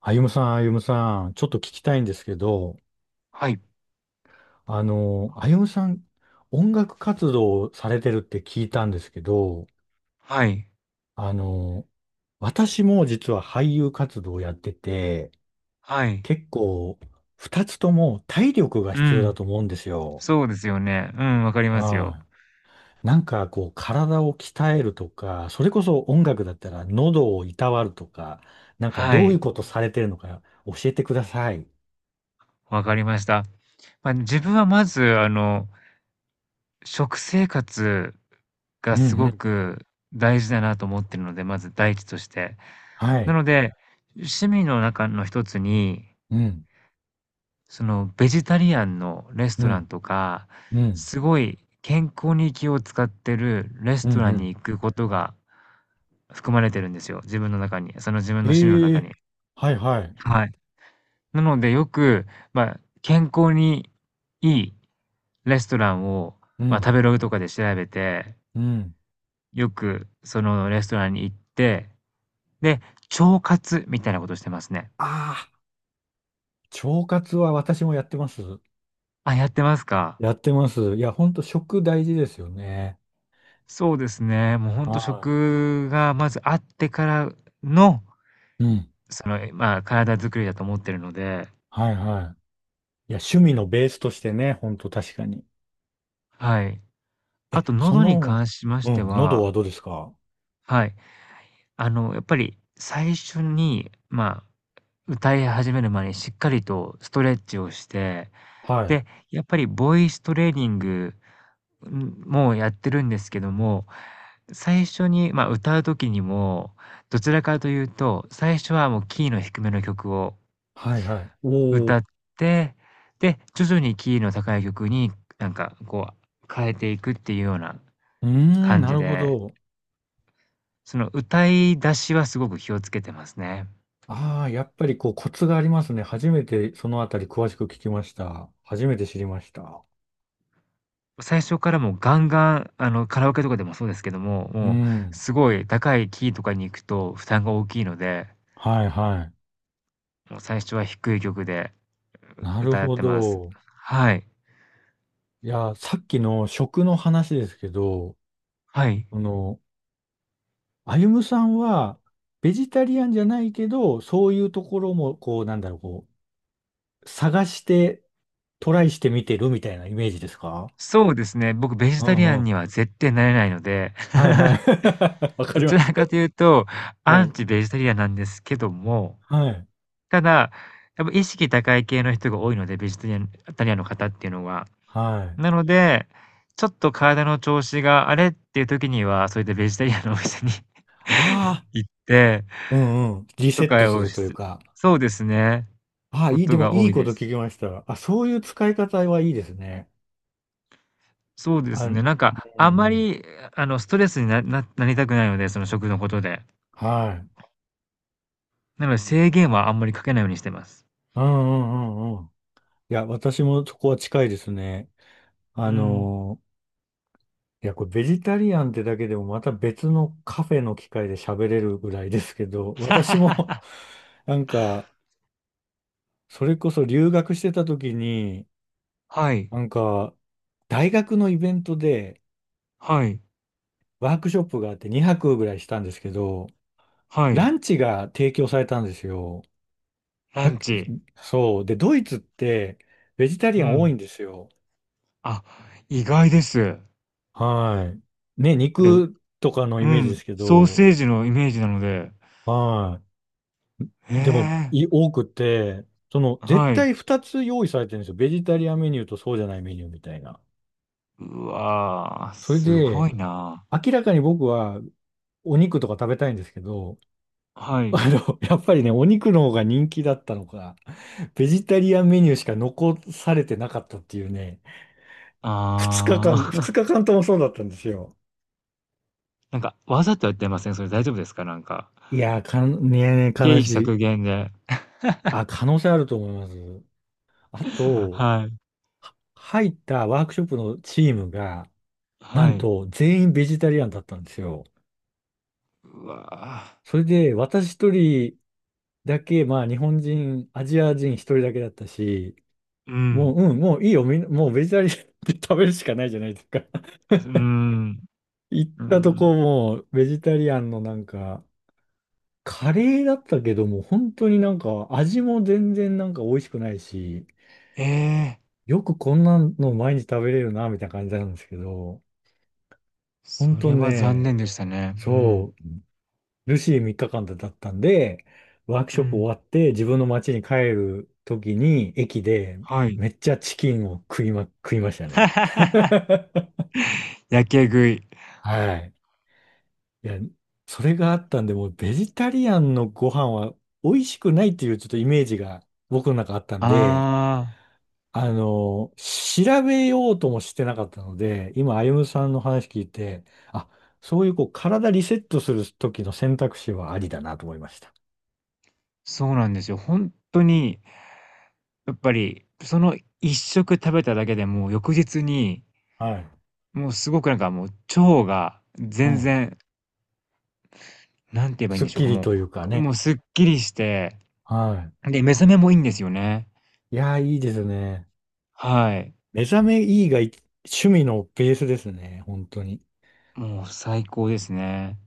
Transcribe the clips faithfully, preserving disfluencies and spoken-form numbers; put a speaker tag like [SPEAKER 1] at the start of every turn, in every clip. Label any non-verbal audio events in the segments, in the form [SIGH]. [SPEAKER 1] あゆむさん、あゆむさん、ちょっと聞きたいんですけど、
[SPEAKER 2] はい。
[SPEAKER 1] あの、あゆむさん、音楽活動をされてるって聞いたんですけど、
[SPEAKER 2] はい。
[SPEAKER 1] あの、私も実は俳優活動をやってて、
[SPEAKER 2] はい。
[SPEAKER 1] 結構、二つとも体力が
[SPEAKER 2] う
[SPEAKER 1] 必要だ
[SPEAKER 2] ん。
[SPEAKER 1] と思うんですよ。
[SPEAKER 2] そうですよね。うん、わかりますよ。
[SPEAKER 1] はい。なんかこう、体を鍛えるとか、それこそ音楽だったら喉をいたわるとか、なんか
[SPEAKER 2] は
[SPEAKER 1] どういう
[SPEAKER 2] い。
[SPEAKER 1] ことされてるのか教えてください。
[SPEAKER 2] わかりました。まあ、自分はまず、あの、食生活が
[SPEAKER 1] うんう
[SPEAKER 2] すご
[SPEAKER 1] ん。
[SPEAKER 2] く大事だなと思ってるので、まず第一として。
[SPEAKER 1] は
[SPEAKER 2] な
[SPEAKER 1] い。
[SPEAKER 2] ので、趣味の中の一つに、
[SPEAKER 1] うん。
[SPEAKER 2] その、ベジタリアンのレス
[SPEAKER 1] う
[SPEAKER 2] トラン
[SPEAKER 1] ん。
[SPEAKER 2] とか、
[SPEAKER 1] うん。
[SPEAKER 2] すごい健康に気を使ってるレス
[SPEAKER 1] うん
[SPEAKER 2] トラ
[SPEAKER 1] う
[SPEAKER 2] ン
[SPEAKER 1] ん。
[SPEAKER 2] に行くことが含まれてるんですよ、自分の中に。その自分の趣味の
[SPEAKER 1] え
[SPEAKER 2] 中
[SPEAKER 1] え、
[SPEAKER 2] に。
[SPEAKER 1] はいはい。
[SPEAKER 2] はい。なのでよく、まあ、健康にいいレストランを、
[SPEAKER 1] う
[SPEAKER 2] まあ、
[SPEAKER 1] ん、
[SPEAKER 2] 食べログとかで調べて、
[SPEAKER 1] うん。
[SPEAKER 2] よくそのレストランに行って、で、腸活みたいなことしてますね。
[SPEAKER 1] ああ、腸活は私もやってます。
[SPEAKER 2] あ、やってますか。
[SPEAKER 1] やってます。いや、ほんと食大事ですよね。
[SPEAKER 2] そうですね。もうほんと
[SPEAKER 1] は
[SPEAKER 2] 食がまずあってからの、
[SPEAKER 1] い。うん。
[SPEAKER 2] その、まあ、体作りだと思ってるので、
[SPEAKER 1] はいはい。いや、趣味のベースとしてね、ほんと確かに。
[SPEAKER 2] はい。あ
[SPEAKER 1] え、
[SPEAKER 2] と
[SPEAKER 1] そ
[SPEAKER 2] 喉に
[SPEAKER 1] の、
[SPEAKER 2] 関しまし
[SPEAKER 1] う
[SPEAKER 2] て
[SPEAKER 1] ん、喉
[SPEAKER 2] は、
[SPEAKER 1] はどうですか？
[SPEAKER 2] はい、あの、やっぱり最初に、まあ、歌い始める前にしっかりとストレッチをして、
[SPEAKER 1] はい。
[SPEAKER 2] で、やっぱりボイストレーニング、ん、もやってるんですけども、最初に、まあ、歌う時にも、どちらかというと、最初はもうキーの低めの曲を
[SPEAKER 1] はいはい。お
[SPEAKER 2] 歌っ
[SPEAKER 1] お。
[SPEAKER 2] て、で、徐々にキーの高い曲になんかこう変えていくっていうような
[SPEAKER 1] うーん、
[SPEAKER 2] 感
[SPEAKER 1] な
[SPEAKER 2] じ
[SPEAKER 1] るほ
[SPEAKER 2] で、
[SPEAKER 1] ど。
[SPEAKER 2] その歌い出しはすごく気をつけてますね。
[SPEAKER 1] ああ、やっぱりこうコツがありますね。初めてそのあたり詳しく聞きました。初めて知りました。
[SPEAKER 2] 最初からもうガンガン、あの、カラオケとかでもそうですけども、
[SPEAKER 1] う
[SPEAKER 2] もう
[SPEAKER 1] ん。
[SPEAKER 2] すごい高いキーとかに行くと負担が大きいので、
[SPEAKER 1] はいはい。
[SPEAKER 2] もう最初は低い曲で、
[SPEAKER 1] な
[SPEAKER 2] う
[SPEAKER 1] る
[SPEAKER 2] 歌っ
[SPEAKER 1] ほ
[SPEAKER 2] てます。
[SPEAKER 1] ど。
[SPEAKER 2] はい。
[SPEAKER 1] いや、さっきの食の話ですけど、
[SPEAKER 2] はい。
[SPEAKER 1] あの、歩夢さんは、ベジタリアンじゃないけど、そういうところも、こう、なんだろう、こう、探して、トライしてみてるみたいなイメージですか？
[SPEAKER 2] そうですね、僕ベ
[SPEAKER 1] う
[SPEAKER 2] ジタ
[SPEAKER 1] ん
[SPEAKER 2] リア
[SPEAKER 1] う
[SPEAKER 2] ン
[SPEAKER 1] ん。
[SPEAKER 2] には絶対なれないので、
[SPEAKER 1] はいはい。[LAUGHS] わ
[SPEAKER 2] [LAUGHS]
[SPEAKER 1] か
[SPEAKER 2] ど
[SPEAKER 1] り
[SPEAKER 2] ち
[SPEAKER 1] ます。
[SPEAKER 2] らかというと、
[SPEAKER 1] は
[SPEAKER 2] アン
[SPEAKER 1] い。
[SPEAKER 2] チベジタリアンなんですけども、
[SPEAKER 1] はい。
[SPEAKER 2] ただ、やっぱ意識高い系の人が多いので、ベジタリアンタリアンの方っていうのは。
[SPEAKER 1] はい。
[SPEAKER 2] なので、ちょっと体の調子があれっていう時には、そういったベジタリアンのお店に
[SPEAKER 1] ああ、
[SPEAKER 2] [LAUGHS] 行って
[SPEAKER 1] うんうん。リ
[SPEAKER 2] と
[SPEAKER 1] セット
[SPEAKER 2] か
[SPEAKER 1] す
[SPEAKER 2] を
[SPEAKER 1] る
[SPEAKER 2] し
[SPEAKER 1] というか。
[SPEAKER 2] そうですね。
[SPEAKER 1] ああ、
[SPEAKER 2] こ
[SPEAKER 1] いい、で
[SPEAKER 2] と
[SPEAKER 1] も
[SPEAKER 2] が
[SPEAKER 1] い
[SPEAKER 2] 多
[SPEAKER 1] い
[SPEAKER 2] い
[SPEAKER 1] こ
[SPEAKER 2] で
[SPEAKER 1] と聞
[SPEAKER 2] す。
[SPEAKER 1] きました。あ、そういう使い方はいいですね。
[SPEAKER 2] そうで
[SPEAKER 1] あ、
[SPEAKER 2] す
[SPEAKER 1] う
[SPEAKER 2] ね、なんかあん
[SPEAKER 1] ん
[SPEAKER 2] ま
[SPEAKER 1] うん。
[SPEAKER 2] り、あの、ストレスになななりたくないので、その食のことで。
[SPEAKER 1] はい。
[SPEAKER 2] なので制限はあんまりかけないようにしてます。
[SPEAKER 1] うんうんうんうん。いや、私もそこは近いですね。
[SPEAKER 2] う
[SPEAKER 1] あ
[SPEAKER 2] ん。
[SPEAKER 1] のー、いや、これベジタリアンってだけでもまた別のカフェの機会で喋れるぐらいですけど、私も
[SPEAKER 2] [LAUGHS]
[SPEAKER 1] [LAUGHS] なんか、それこそ留学してた時に、
[SPEAKER 2] はい、
[SPEAKER 1] なんか、大学のイベントで
[SPEAKER 2] はい、
[SPEAKER 1] ワークショップがあってにはくぐらいしたんですけど、
[SPEAKER 2] はい。
[SPEAKER 1] ランチが提供されたんですよ。だ
[SPEAKER 2] ラ
[SPEAKER 1] っ
[SPEAKER 2] ン
[SPEAKER 1] け？
[SPEAKER 2] チ。
[SPEAKER 1] そう。で、ドイツってベジタリ
[SPEAKER 2] う
[SPEAKER 1] アン多い
[SPEAKER 2] ん。
[SPEAKER 1] んですよ。
[SPEAKER 2] あ、意外です。
[SPEAKER 1] はい。ね、
[SPEAKER 2] で
[SPEAKER 1] 肉とかのイ
[SPEAKER 2] う
[SPEAKER 1] メージで
[SPEAKER 2] ん、
[SPEAKER 1] すけ
[SPEAKER 2] ソー
[SPEAKER 1] ど、
[SPEAKER 2] セージのイメージなので。
[SPEAKER 1] は
[SPEAKER 2] へ
[SPEAKER 1] い。でも、
[SPEAKER 2] え、
[SPEAKER 1] い、多くて、その、絶
[SPEAKER 2] はい。
[SPEAKER 1] 対ふたつ用意されてるんですよ。ベジタリアンメニューとそうじゃないメニューみたいな。
[SPEAKER 2] うわあ、
[SPEAKER 1] それ
[SPEAKER 2] すご
[SPEAKER 1] で、
[SPEAKER 2] いな。
[SPEAKER 1] 明らかに僕はお肉とか食べたいんですけど、
[SPEAKER 2] は
[SPEAKER 1] [LAUGHS]
[SPEAKER 2] い。
[SPEAKER 1] あの、やっぱりね、お肉の方が人気だったのか、ベジタリアンメニューしか残されてなかったっていうね、ふつかかん、
[SPEAKER 2] あ
[SPEAKER 1] 2
[SPEAKER 2] あ、
[SPEAKER 1] 日間ともそうだったんですよ。
[SPEAKER 2] [LAUGHS] なんかわざとやってません？それ大丈夫ですか？なんか、
[SPEAKER 1] いやー、かん、ねえ、
[SPEAKER 2] 経
[SPEAKER 1] 悲
[SPEAKER 2] 費
[SPEAKER 1] し
[SPEAKER 2] 削
[SPEAKER 1] い。
[SPEAKER 2] 減で。
[SPEAKER 1] あ、可能性あると思います。あ
[SPEAKER 2] [LAUGHS]
[SPEAKER 1] と、
[SPEAKER 2] はい、
[SPEAKER 1] は入ったワークショップのチームが、な
[SPEAKER 2] は
[SPEAKER 1] ん
[SPEAKER 2] い。
[SPEAKER 1] と全員ベジタリアンだったんですよ。
[SPEAKER 2] うわあ、
[SPEAKER 1] それで私一人だけ、まあ日本人、アジア人一人だけだったし、
[SPEAKER 2] うん。
[SPEAKER 1] もう、うん、もういいよ、みんな、もうベジタリアンで食べるしかないじゃないですか。[LAUGHS]
[SPEAKER 2] うん、
[SPEAKER 1] 行っ
[SPEAKER 2] う
[SPEAKER 1] たとこ
[SPEAKER 2] ん。
[SPEAKER 1] もうベジタリアンのなんか、カレーだったけども、本当になんか味も全然なんか美味しくないし、
[SPEAKER 2] ええ、
[SPEAKER 1] よくこんなの毎日食べれるな、みたいな感じなんですけど、本
[SPEAKER 2] そ
[SPEAKER 1] 当
[SPEAKER 2] れは残
[SPEAKER 1] ね、
[SPEAKER 2] 念でしたね。うん。
[SPEAKER 1] そう。ルシーみっかかんだったんで、ワーク
[SPEAKER 2] う
[SPEAKER 1] ショップ終
[SPEAKER 2] ん。
[SPEAKER 1] わって自分の町に帰る時に駅で
[SPEAKER 2] はい。
[SPEAKER 1] めっちゃチキンを食いま、食いましたね。
[SPEAKER 2] [LAUGHS] やけ食い。
[SPEAKER 1] はい。いや、それがあったんで、もうベジタリアンのご飯は美味しくないっていうちょっとイメージが僕の中あったんで、
[SPEAKER 2] ああ、
[SPEAKER 1] あの、調べようともしてなかったので、今、歩ゆさんの話聞いて、あ、そういうこう体リセットする時の選択肢はありだなと思いました。
[SPEAKER 2] そうなんですよ。本当にやっぱり、その一食食べただけでもう翌日に、
[SPEAKER 1] はい。
[SPEAKER 2] もうすごくなんかもう腸が
[SPEAKER 1] う
[SPEAKER 2] 全
[SPEAKER 1] ん。
[SPEAKER 2] 然、なんて言えばいいん
[SPEAKER 1] すっ
[SPEAKER 2] でしょう
[SPEAKER 1] き
[SPEAKER 2] か、
[SPEAKER 1] り
[SPEAKER 2] も
[SPEAKER 1] というか
[SPEAKER 2] う、
[SPEAKER 1] ね。
[SPEAKER 2] もうすっきりして、
[SPEAKER 1] は
[SPEAKER 2] で、目覚めもいいんですよね。
[SPEAKER 1] い。いやー、いいですね。
[SPEAKER 2] はい。
[SPEAKER 1] 目覚めいいがい趣味のベースですね。本当に。
[SPEAKER 2] もう最高ですね。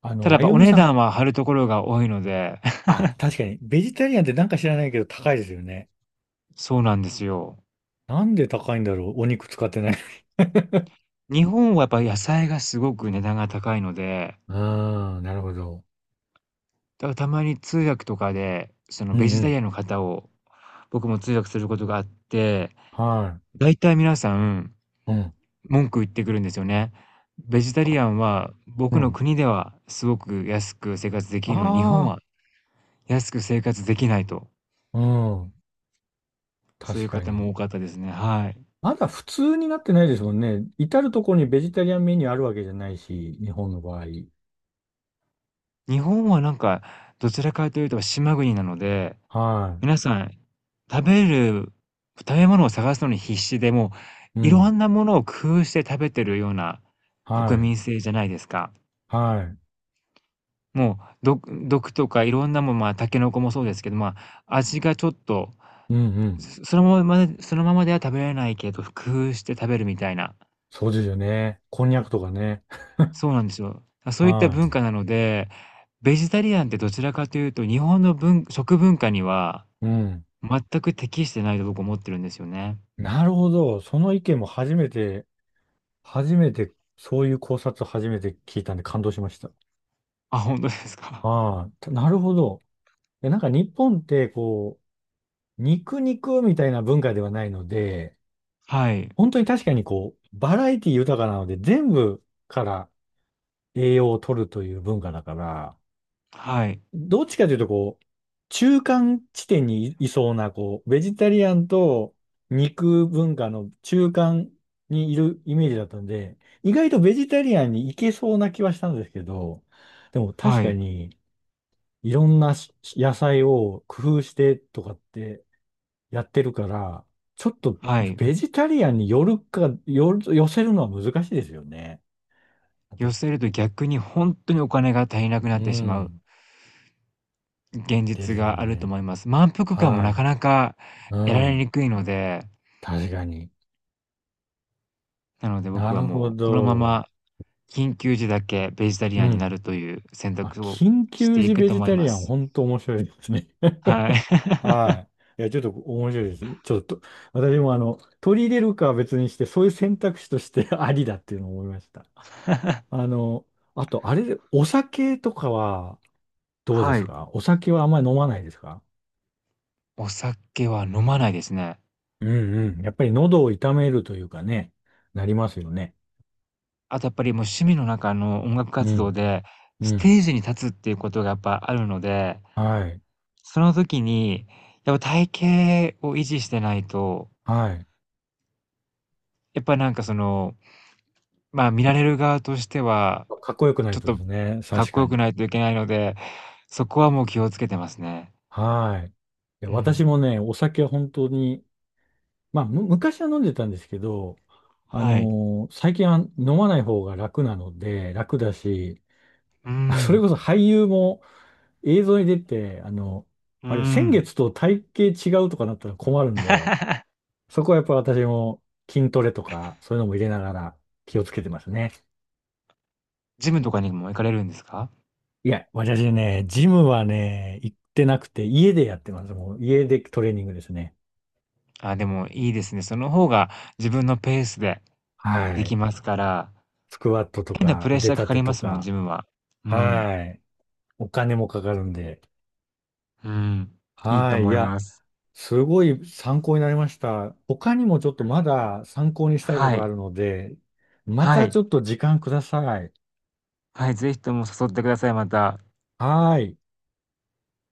[SPEAKER 1] あの、
[SPEAKER 2] ただや
[SPEAKER 1] 歩
[SPEAKER 2] っぱお
[SPEAKER 1] 夢
[SPEAKER 2] 値
[SPEAKER 1] さん。
[SPEAKER 2] 段は張るところが多いので、
[SPEAKER 1] あ、確かに。ベジタリアンってなんか知らないけど高いですよね。
[SPEAKER 2] [LAUGHS] そうなんですよ。
[SPEAKER 1] なんで高いんだろう。お肉使ってない。[LAUGHS]
[SPEAKER 2] 日本はやっぱ野菜がすごく値段が高いので、
[SPEAKER 1] ああ、なるほど。
[SPEAKER 2] だからたまに通訳とかで、その
[SPEAKER 1] う
[SPEAKER 2] ベ
[SPEAKER 1] んう
[SPEAKER 2] ジタリ
[SPEAKER 1] ん。
[SPEAKER 2] アンの方を僕も通訳することがあって、
[SPEAKER 1] は
[SPEAKER 2] だいたい皆さん
[SPEAKER 1] い。うん。
[SPEAKER 2] 文句言ってくるんですよね。ベジタ
[SPEAKER 1] あ、
[SPEAKER 2] リアンは
[SPEAKER 1] う
[SPEAKER 2] 僕の
[SPEAKER 1] ん。
[SPEAKER 2] 国ではすごく安く生活できるのに、日本
[SPEAKER 1] あ
[SPEAKER 2] は安く生活できないと、
[SPEAKER 1] あ、うん。
[SPEAKER 2] そうい
[SPEAKER 1] 確
[SPEAKER 2] う
[SPEAKER 1] か
[SPEAKER 2] 方も
[SPEAKER 1] に。
[SPEAKER 2] 多かったですね。はい。
[SPEAKER 1] まだ普通になってないですもんね。至るところにベジタリアンメニューあるわけじゃないし、日本の場合。
[SPEAKER 2] 日本はなんか、どちらかというと島国なので、
[SPEAKER 1] はい。
[SPEAKER 2] 皆さん食べる食べ物を探すのに必死で、も
[SPEAKER 1] う
[SPEAKER 2] ういろ
[SPEAKER 1] ん。
[SPEAKER 2] んなものを工夫して食べてるような
[SPEAKER 1] は
[SPEAKER 2] 国
[SPEAKER 1] い。
[SPEAKER 2] 民性じゃないですか。
[SPEAKER 1] はい。
[SPEAKER 2] もう、ど毒とかいろんなもん、まあ、タケノコもそうですけど、まあ、味がちょっと
[SPEAKER 1] うんうん。
[SPEAKER 2] そそのままでそのままでは食べられないけど、工夫して食べるみたいな。
[SPEAKER 1] そうですよね。こんにゃくとかね。
[SPEAKER 2] そうなんですよ。あ、そういった
[SPEAKER 1] は
[SPEAKER 2] 文化なので、ベジタリアンってどちらかというと、日本の文食文化には
[SPEAKER 1] い。うん。
[SPEAKER 2] 全く適してないと僕思ってるんですよね。
[SPEAKER 1] なるほど。その意見も初めて、初めて、そういう考察を初めて聞いたんで感動しました。
[SPEAKER 2] あ、ほんとですか。
[SPEAKER 1] はい。なるほど。いやなんか日本って、こう、肉肉みたいな文化ではないので、
[SPEAKER 2] はい。
[SPEAKER 1] 本当に確かにこう、バラエティ豊かなので、全部から栄養を取るという文化だから、
[SPEAKER 2] はい。
[SPEAKER 1] どっちかというと、こう、中間地点にい、いそうな、こう、ベジタリアンと肉文化の中間にいるイメージだったんで、意外とベジタリアンに行けそうな気はしたんですけど、でも確
[SPEAKER 2] は
[SPEAKER 1] か
[SPEAKER 2] い。
[SPEAKER 1] に、いろんなし野菜を工夫してとかってやってるから、ちょっと
[SPEAKER 2] はい。
[SPEAKER 1] ベジタリアンに寄るか、寄る、寄せるのは難しいですよね。あ
[SPEAKER 2] 寄
[SPEAKER 1] と、
[SPEAKER 2] せると逆にほんとにお金が足りなくなっ
[SPEAKER 1] う
[SPEAKER 2] てしまう
[SPEAKER 1] ん。
[SPEAKER 2] 現
[SPEAKER 1] で
[SPEAKER 2] 実
[SPEAKER 1] す
[SPEAKER 2] があると
[SPEAKER 1] ね。
[SPEAKER 2] 思います。満腹感も
[SPEAKER 1] は
[SPEAKER 2] なか
[SPEAKER 1] い。
[SPEAKER 2] なか
[SPEAKER 1] う
[SPEAKER 2] 得られ
[SPEAKER 1] ん。
[SPEAKER 2] にくいので、
[SPEAKER 1] 確かに。
[SPEAKER 2] なので
[SPEAKER 1] な
[SPEAKER 2] 僕は
[SPEAKER 1] るほ
[SPEAKER 2] もうこのま
[SPEAKER 1] ど。
[SPEAKER 2] ま緊急時だけベジタリ
[SPEAKER 1] う
[SPEAKER 2] アンにな
[SPEAKER 1] ん。
[SPEAKER 2] るという選
[SPEAKER 1] あ、
[SPEAKER 2] 択を
[SPEAKER 1] 緊
[SPEAKER 2] し
[SPEAKER 1] 急
[SPEAKER 2] てい
[SPEAKER 1] 時
[SPEAKER 2] く
[SPEAKER 1] ベ
[SPEAKER 2] と
[SPEAKER 1] ジ
[SPEAKER 2] 思い
[SPEAKER 1] タ
[SPEAKER 2] ま
[SPEAKER 1] リアン、
[SPEAKER 2] す。
[SPEAKER 1] 本当面白いですね。
[SPEAKER 2] は
[SPEAKER 1] [LAUGHS]
[SPEAKER 2] い。
[SPEAKER 1] はい。いや、ちょっと面白いです。ちょっと、私もあの、取り入れるかは別にして、そういう選択肢として [LAUGHS] ありだっていうのを思いました。
[SPEAKER 2] [LAUGHS]
[SPEAKER 1] あの、あと、あれで、お酒とかはどうで
[SPEAKER 2] は
[SPEAKER 1] す
[SPEAKER 2] い。
[SPEAKER 1] か？お酒はあんまり飲まないですか？
[SPEAKER 2] お酒は飲まないですね。
[SPEAKER 1] うんうん。やっぱり喉を痛めるというかね、なりますよね。
[SPEAKER 2] あとやっぱりもう趣味の中の音楽
[SPEAKER 1] う
[SPEAKER 2] 活動
[SPEAKER 1] ん、
[SPEAKER 2] で、
[SPEAKER 1] う
[SPEAKER 2] ス
[SPEAKER 1] ん。
[SPEAKER 2] テージに立つっていうことがやっぱあるので、
[SPEAKER 1] はい、
[SPEAKER 2] その時に、やっぱ体型を維持してないと、
[SPEAKER 1] はい。
[SPEAKER 2] やっぱなんかその、まあ見られる側としては、
[SPEAKER 1] かっこよくない
[SPEAKER 2] ちょっ
[SPEAKER 1] とで
[SPEAKER 2] と
[SPEAKER 1] すね、
[SPEAKER 2] かっ
[SPEAKER 1] 確
[SPEAKER 2] こ
[SPEAKER 1] か
[SPEAKER 2] よく
[SPEAKER 1] に。
[SPEAKER 2] ないといけないので、そこはもう気をつけてますね。
[SPEAKER 1] はい。いや
[SPEAKER 2] う
[SPEAKER 1] 私
[SPEAKER 2] ん。
[SPEAKER 1] もね、お酒は本当に、まあ、む、昔は飲んでたんですけど、あ
[SPEAKER 2] はい。
[SPEAKER 1] のー最近は飲まない方が楽なので、楽だし、
[SPEAKER 2] う
[SPEAKER 1] [LAUGHS] あ、それ
[SPEAKER 2] ん。
[SPEAKER 1] こそ俳優も映像に出て、あの、
[SPEAKER 2] うー
[SPEAKER 1] あれ、先
[SPEAKER 2] ん。
[SPEAKER 1] 月と体型違うとかなったら困るんで、
[SPEAKER 2] [LAUGHS]
[SPEAKER 1] そこはやっぱ私も筋トレとか、そういうのも入れながら気をつけてますね。
[SPEAKER 2] ジムとかにも行かれるんですか？
[SPEAKER 1] いや、私ね、ジムはね、行ってなくて、家でやってます。もう家でトレーニングですね。
[SPEAKER 2] あ、でもいいですね。その方が自分のペースで
[SPEAKER 1] は
[SPEAKER 2] でき
[SPEAKER 1] い。
[SPEAKER 2] ますから、
[SPEAKER 1] スクワットと
[SPEAKER 2] 変な
[SPEAKER 1] か
[SPEAKER 2] プレッ
[SPEAKER 1] 腕
[SPEAKER 2] シャーか
[SPEAKER 1] 立
[SPEAKER 2] か
[SPEAKER 1] て
[SPEAKER 2] りま
[SPEAKER 1] と
[SPEAKER 2] すもん、
[SPEAKER 1] か、
[SPEAKER 2] ジムは。うん、
[SPEAKER 1] はい。お金もかかるんで。
[SPEAKER 2] うん。いいと
[SPEAKER 1] はい。い
[SPEAKER 2] 思い
[SPEAKER 1] や、
[SPEAKER 2] ます。
[SPEAKER 1] すごい参考になりました。他にもちょっとまだ参考にしたいこ
[SPEAKER 2] は
[SPEAKER 1] とあ
[SPEAKER 2] い、
[SPEAKER 1] るので、ま
[SPEAKER 2] は
[SPEAKER 1] た
[SPEAKER 2] い、
[SPEAKER 1] ちょっと時間ください。
[SPEAKER 2] はい、ぜひとも誘ってください、また。
[SPEAKER 1] はい。